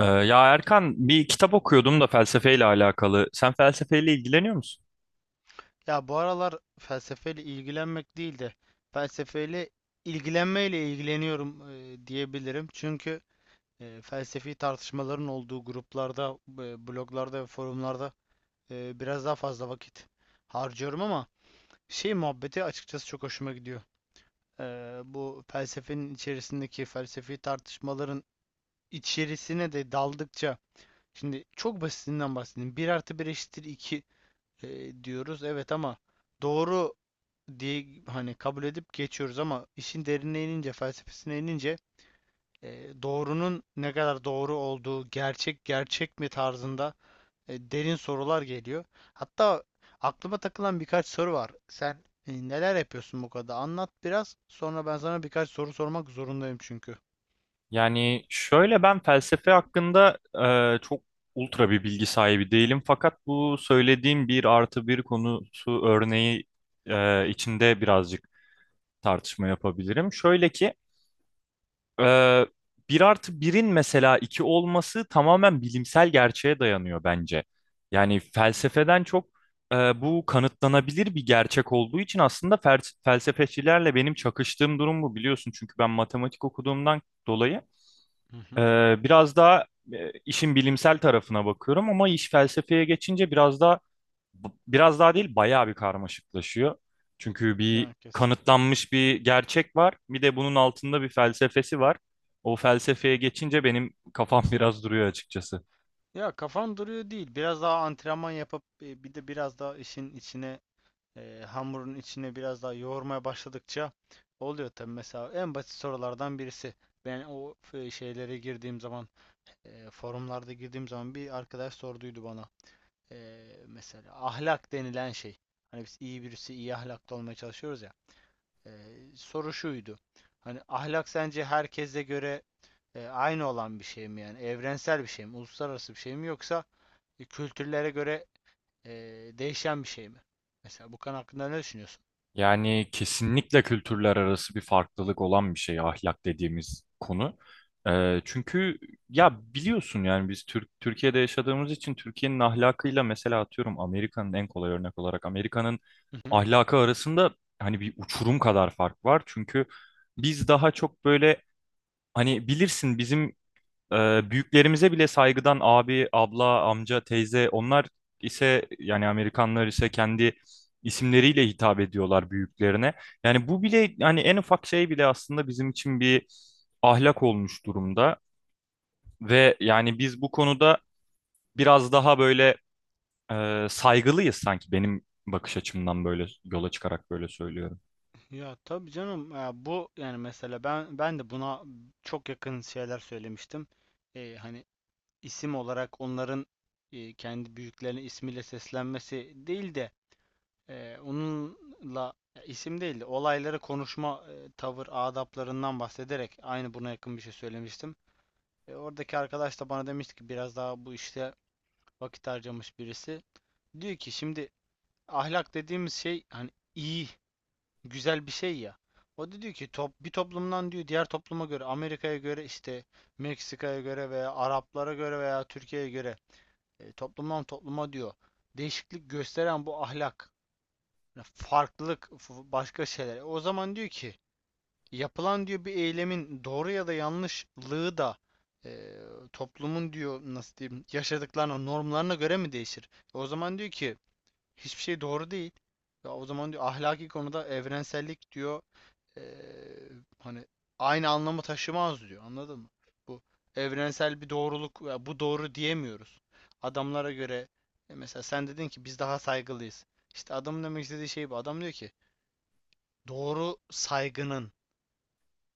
Ya Erkan, bir kitap okuyordum da felsefeyle alakalı. Sen felsefeyle ilgileniyor musun? Ya bu aralar felsefeyle ilgilenmek değil de felsefeyle ilgilenmeyle ilgileniyorum, diyebilirim. Çünkü felsefi tartışmaların olduğu gruplarda, bloglarda ve forumlarda biraz daha fazla vakit harcıyorum ama şey muhabbeti açıkçası çok hoşuma gidiyor. Bu felsefenin içerisindeki felsefi tartışmaların içerisine de daldıkça, şimdi çok basitinden bahsedeyim. Bir artı bir eşittir 2 diyoruz. Evet ama doğru diye hani kabul edip geçiyoruz, ama işin derinine inince, felsefesine inince doğrunun ne kadar doğru olduğu, gerçek gerçek mi tarzında derin sorular geliyor. Hatta aklıma takılan birkaç soru var. Sen neler yapıyorsun bu kadar? Anlat biraz. Sonra ben sana birkaç soru sormak zorundayım çünkü. Yani şöyle, ben felsefe hakkında çok ultra bir bilgi sahibi değilim. Fakat bu söylediğim bir artı bir konusu örneği içinde birazcık tartışma yapabilirim. Şöyle ki, Ee, bir artı birin mesela iki olması tamamen bilimsel gerçeğe dayanıyor bence. Yani felsefeden çok bu kanıtlanabilir bir gerçek olduğu için aslında felsefecilerle benim çakıştığım durum bu, biliyorsun. Çünkü ben matematik okuduğumdan dolayı Hı e, hı. biraz daha işin bilimsel tarafına bakıyorum ama iş felsefeye geçince biraz daha değil, bayağı bir karmaşıklaşıyor. Çünkü bir Yani kesin. kanıtlanmış bir gerçek var. Bir de bunun altında bir felsefesi var. O felsefeye geçince benim kafam biraz duruyor açıkçası. Ya kafam duruyor değil. Biraz daha antrenman yapıp bir de biraz daha işin içine, hamurun içine biraz daha yoğurmaya başladıkça oluyor tabi. Mesela en basit sorulardan birisi. Ben o şeylere girdiğim zaman, forumlarda girdiğim zaman bir arkadaş sorduydu bana. E, Mesela ahlak denilen şey. Hani biz iyi birisi, iyi ahlaklı olmaya çalışıyoruz ya. E, Soru şuydu. Hani ahlak sence herkese göre aynı olan bir şey mi yani? Evrensel bir şey mi? Uluslararası bir şey mi? Yoksa kültürlere göre e, değişen bir şey mi? Mesela bu konu hakkında ne düşünüyorsun? Yani kesinlikle kültürler arası bir farklılık olan bir şey ahlak dediğimiz konu. Çünkü ya biliyorsun, yani biz Türkiye'de yaşadığımız için Türkiye'nin ahlakıyla, mesela atıyorum Amerika'nın en kolay örnek olarak Amerika'nın ahlakı arasında hani bir uçurum kadar fark var. Çünkü biz daha çok böyle, hani bilirsin, bizim büyüklerimize bile saygıdan abi, abla, amca, teyze; onlar ise yani Amerikanlar ise kendi isimleriyle hitap ediyorlar büyüklerine. Yani bu bile, yani en ufak şey bile aslında bizim için bir ahlak olmuş durumda ve yani biz bu konuda biraz daha böyle saygılıyız sanki, benim bakış açımdan böyle yola çıkarak böyle söylüyorum. Ya tabii canım ya bu, yani mesela ben de buna çok yakın şeyler söylemiştim. Hani isim olarak onların kendi büyüklerine ismiyle seslenmesi değil de onunla ya isim değil de olayları konuşma, tavır adaplarından bahsederek aynı buna yakın bir şey söylemiştim. Oradaki arkadaş da bana demişti ki, biraz daha bu işte vakit harcamış birisi. Diyor ki şimdi ahlak dediğimiz şey hani iyi güzel bir şey ya. O da diyor ki bir toplumdan diyor diğer topluma göre, Amerika'ya göre, işte Meksika'ya göre veya Araplara göre veya Türkiye'ye göre, toplumdan topluma diyor değişiklik gösteren bu ahlak farklılık başka şeyler. O zaman diyor ki yapılan diyor bir eylemin doğru ya da yanlışlığı da e, toplumun diyor nasıl diyeyim yaşadıklarına, normlarına göre mi değişir? O zaman diyor ki hiçbir şey doğru değil. Ya o zaman diyor ahlaki konuda evrensellik diyor eee, hani aynı anlamı taşımaz diyor. Anladın mı? Bu evrensel bir doğruluk, ya bu doğru diyemiyoruz. Adamlara göre, mesela sen dedin ki biz daha saygılıyız. İşte adamın demek istediği şey bu. Adam diyor ki doğru saygının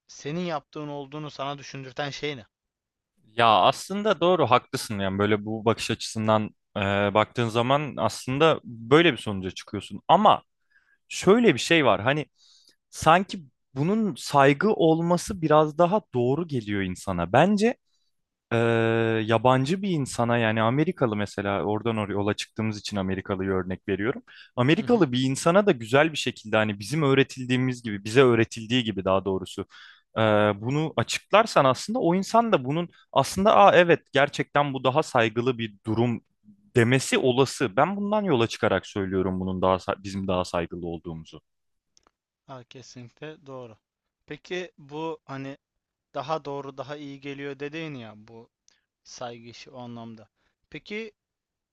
senin yaptığın olduğunu sana düşündürten şey ne? Ya aslında doğru, haklısın. Yani böyle bu bakış açısından e, baktığın zaman aslında böyle bir sonuca çıkıyorsun ama şöyle bir şey var. Hani sanki bunun saygı olması biraz daha doğru geliyor insana. Bence e, yabancı bir insana, yani Amerikalı, mesela oradan oraya yola çıktığımız için Amerikalı'yı örnek veriyorum. Hı hı. Amerikalı bir insana da güzel bir şekilde, hani bizim öğretildiğimiz gibi bize öğretildiği gibi daha doğrusu, e, bunu açıklarsan aslında o insan da bunun aslında, Aa, evet, gerçekten bu daha saygılı bir durum demesi olası. Ben bundan yola çıkarak söylüyorum bunun daha bizim daha saygılı olduğumuzu. Ha, kesinlikle doğru. Peki bu hani daha doğru, daha iyi geliyor dediğin ya, bu saygı işi o anlamda. Peki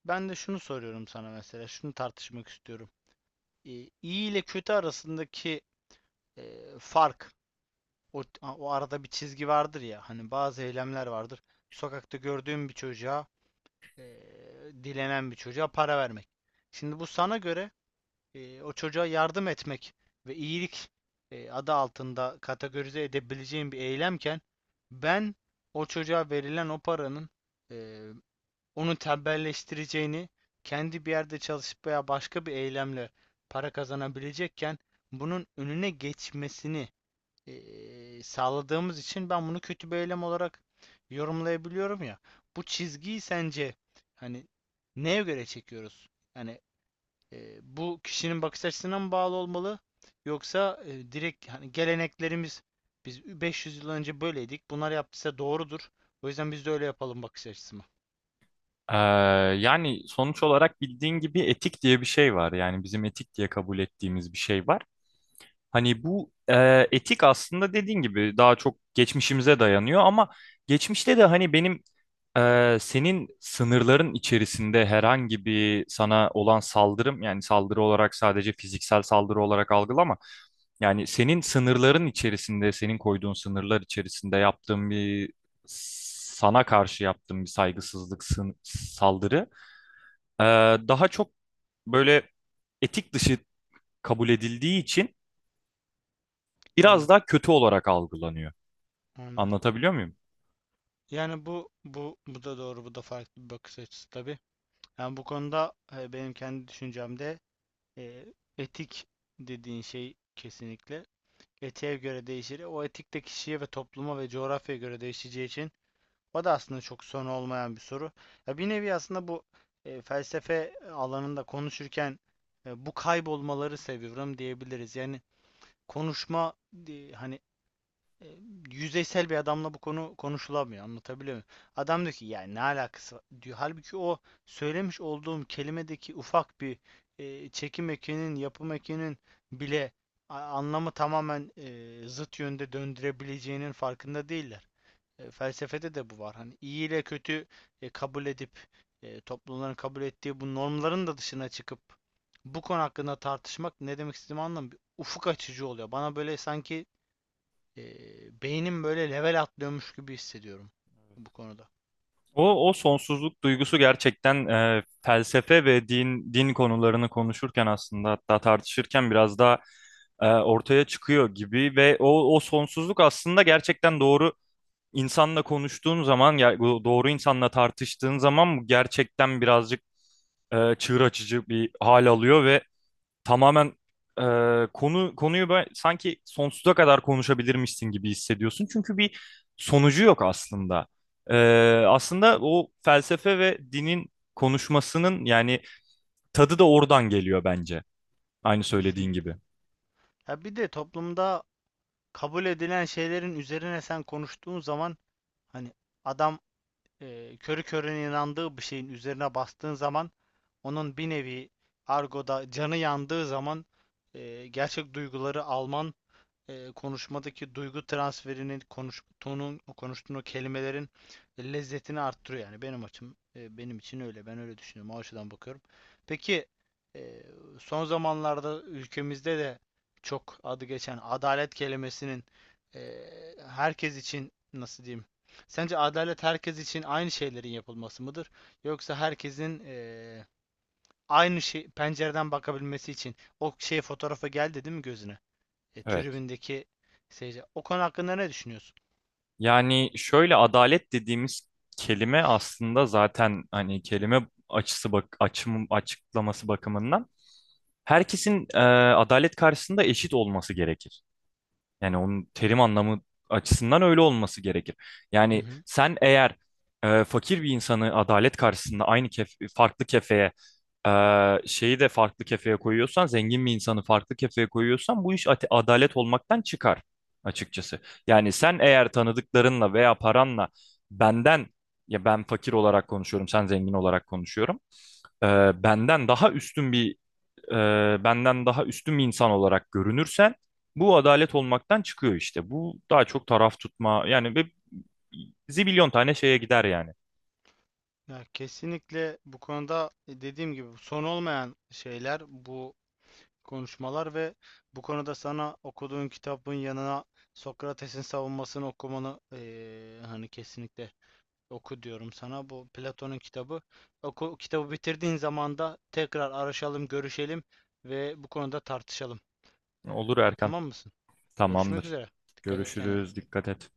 ben de şunu soruyorum sana, mesela şunu tartışmak istiyorum. e, iyi ile kötü arasındaki fark, o arada bir çizgi vardır ya, hani bazı eylemler vardır. Sokakta gördüğüm bir çocuğa, e, dilenen bir çocuğa para vermek. Şimdi bu sana göre o çocuğa yardım etmek ve iyilik adı altında kategorize edebileceğim bir eylemken, ben o çocuğa verilen o paranın e, onu tembelleştireceğini, kendi bir yerde çalışıp veya başka bir eylemle para kazanabilecekken bunun önüne geçmesini sağladığımız için ben bunu kötü bir eylem olarak yorumlayabiliyorum ya. Bu çizgiyi sence hani neye göre çekiyoruz? Yani bu kişinin bakış açısına mı bağlı olmalı? Yoksa direkt hani geleneklerimiz, biz 500 yıl önce böyleydik. Bunlar yaptıysa doğrudur. O yüzden biz de öyle yapalım bakış açısı mı? Ee, yani sonuç olarak bildiğin gibi etik diye bir şey var. Yani bizim etik diye kabul ettiğimiz bir şey var. Hani bu etik aslında dediğin gibi daha çok geçmişimize dayanıyor ama geçmişte de hani benim, senin sınırların içerisinde herhangi bir sana olan saldırım, yani saldırı olarak sadece fiziksel saldırı olarak algılama. Yani senin sınırların içerisinde, senin koyduğun sınırlar içerisinde yaptığım bir sana karşı yaptığım bir saygısızlık sın- saldırı ee, daha çok böyle etik dışı kabul edildiği için biraz Anladım, daha kötü olarak algılanıyor. anladım. Anlatabiliyor muyum? Yani bu bu da doğru, bu da farklı bir bakış açısı tabii. Yani bu konuda benim kendi düşüncemde e, etik dediğin şey kesinlikle etiğe göre değişir. O etik de kişiye ve topluma ve coğrafyaya göre değişeceği için o da aslında çok son olmayan bir soru. Ya bir nevi aslında bu felsefe alanında konuşurken bu kaybolmaları seviyorum diyebiliriz. Yani konuşma, hani e, yüzeysel bir adamla bu konu konuşulamıyor. Anlatabiliyor muyum? Adam diyor ki yani ne alakası var diyor. Halbuki o söylemiş olduğum kelimedeki ufak bir çekim ekinin, yapım ekinin bile anlamı tamamen zıt yönde döndürebileceğinin farkında değiller. Felsefede de bu var. Hani iyi ile kötü kabul edip toplumların kabul ettiği bu normların da dışına çıkıp bu konu hakkında tartışmak ne demek istediğimi anlamıyorum. Ufuk açıcı oluyor. Bana böyle sanki beynim böyle level atlıyormuş gibi hissediyorum bu konuda. O, o sonsuzluk duygusu gerçekten, felsefe ve din konularını konuşurken aslında, hatta tartışırken, biraz daha ortaya çıkıyor gibi ve o, o sonsuzluk aslında gerçekten doğru insanla konuştuğun zaman, bu doğru insanla tartıştığın zaman bu gerçekten birazcık çığır açıcı bir hal alıyor ve tamamen e, konuyu böyle sanki sonsuza kadar konuşabilirmişsin gibi hissediyorsun. Çünkü bir sonucu yok aslında. E, aslında o felsefe ve dinin konuşmasının, yani tadı da oradan geliyor bence. Aynı söylediğin Kesinlikle. gibi. Ya bir de toplumda kabul edilen şeylerin üzerine sen konuştuğun zaman, hani adam körü körüne inandığı bir şeyin üzerine bastığın zaman onun bir nevi argoda canı yandığı zaman gerçek duyguları alman, konuşmadaki duygu transferinin, konuş tonun, o konuştuğun o kelimelerin lezzetini arttırıyor. Yani benim benim için öyle, ben öyle düşünüyorum, o açıdan bakıyorum. Peki e, son zamanlarda ülkemizde de çok adı geçen adalet kelimesinin e, herkes için nasıl diyeyim? Sence adalet herkes için aynı şeylerin yapılması mıdır? Yoksa herkesin aynı şey pencereden bakabilmesi için o şey fotoğrafa geldi değil mi gözüne? Evet. Tribündeki seyirci. O konu hakkında ne düşünüyorsun? Yani şöyle, adalet dediğimiz kelime aslında zaten, hani kelime açısı bak açım açıklaması bakımından herkesin adalet karşısında eşit olması gerekir. Yani onun terim anlamı açısından öyle olması gerekir. Hı Yani hı. sen eğer fakir bir insanı adalet karşısında aynı kef farklı kefeye, şeyi de farklı kefeye koyuyorsan, zengin bir insanı farklı kefeye koyuyorsan bu iş adalet olmaktan çıkar açıkçası. Yani sen eğer tanıdıklarınla veya paranla benden, ya ben fakir olarak konuşuyorum, sen zengin olarak konuşuyorum, e, benden daha üstün bir e, benden daha üstün bir insan olarak görünürsen bu adalet olmaktan çıkıyor işte. Bu daha çok taraf tutma, yani, ve zibilyon tane şeye gider yani. Ya kesinlikle bu konuda, dediğim gibi son olmayan şeyler bu konuşmalar. Ve bu konuda sana, okuduğun kitabın yanına, Sokrates'in Savunması'nı okumanı, hani kesinlikle oku diyorum sana. Bu Platon'un kitabı. Oku, kitabı bitirdiğin zaman da tekrar araşalım, görüşelim ve bu konuda tartışalım. E, Olur Erkan. tamam mısın? Görüşmek Tamamdır. üzere. Dikkat et Görüşürüz. kendine. Dikkat et.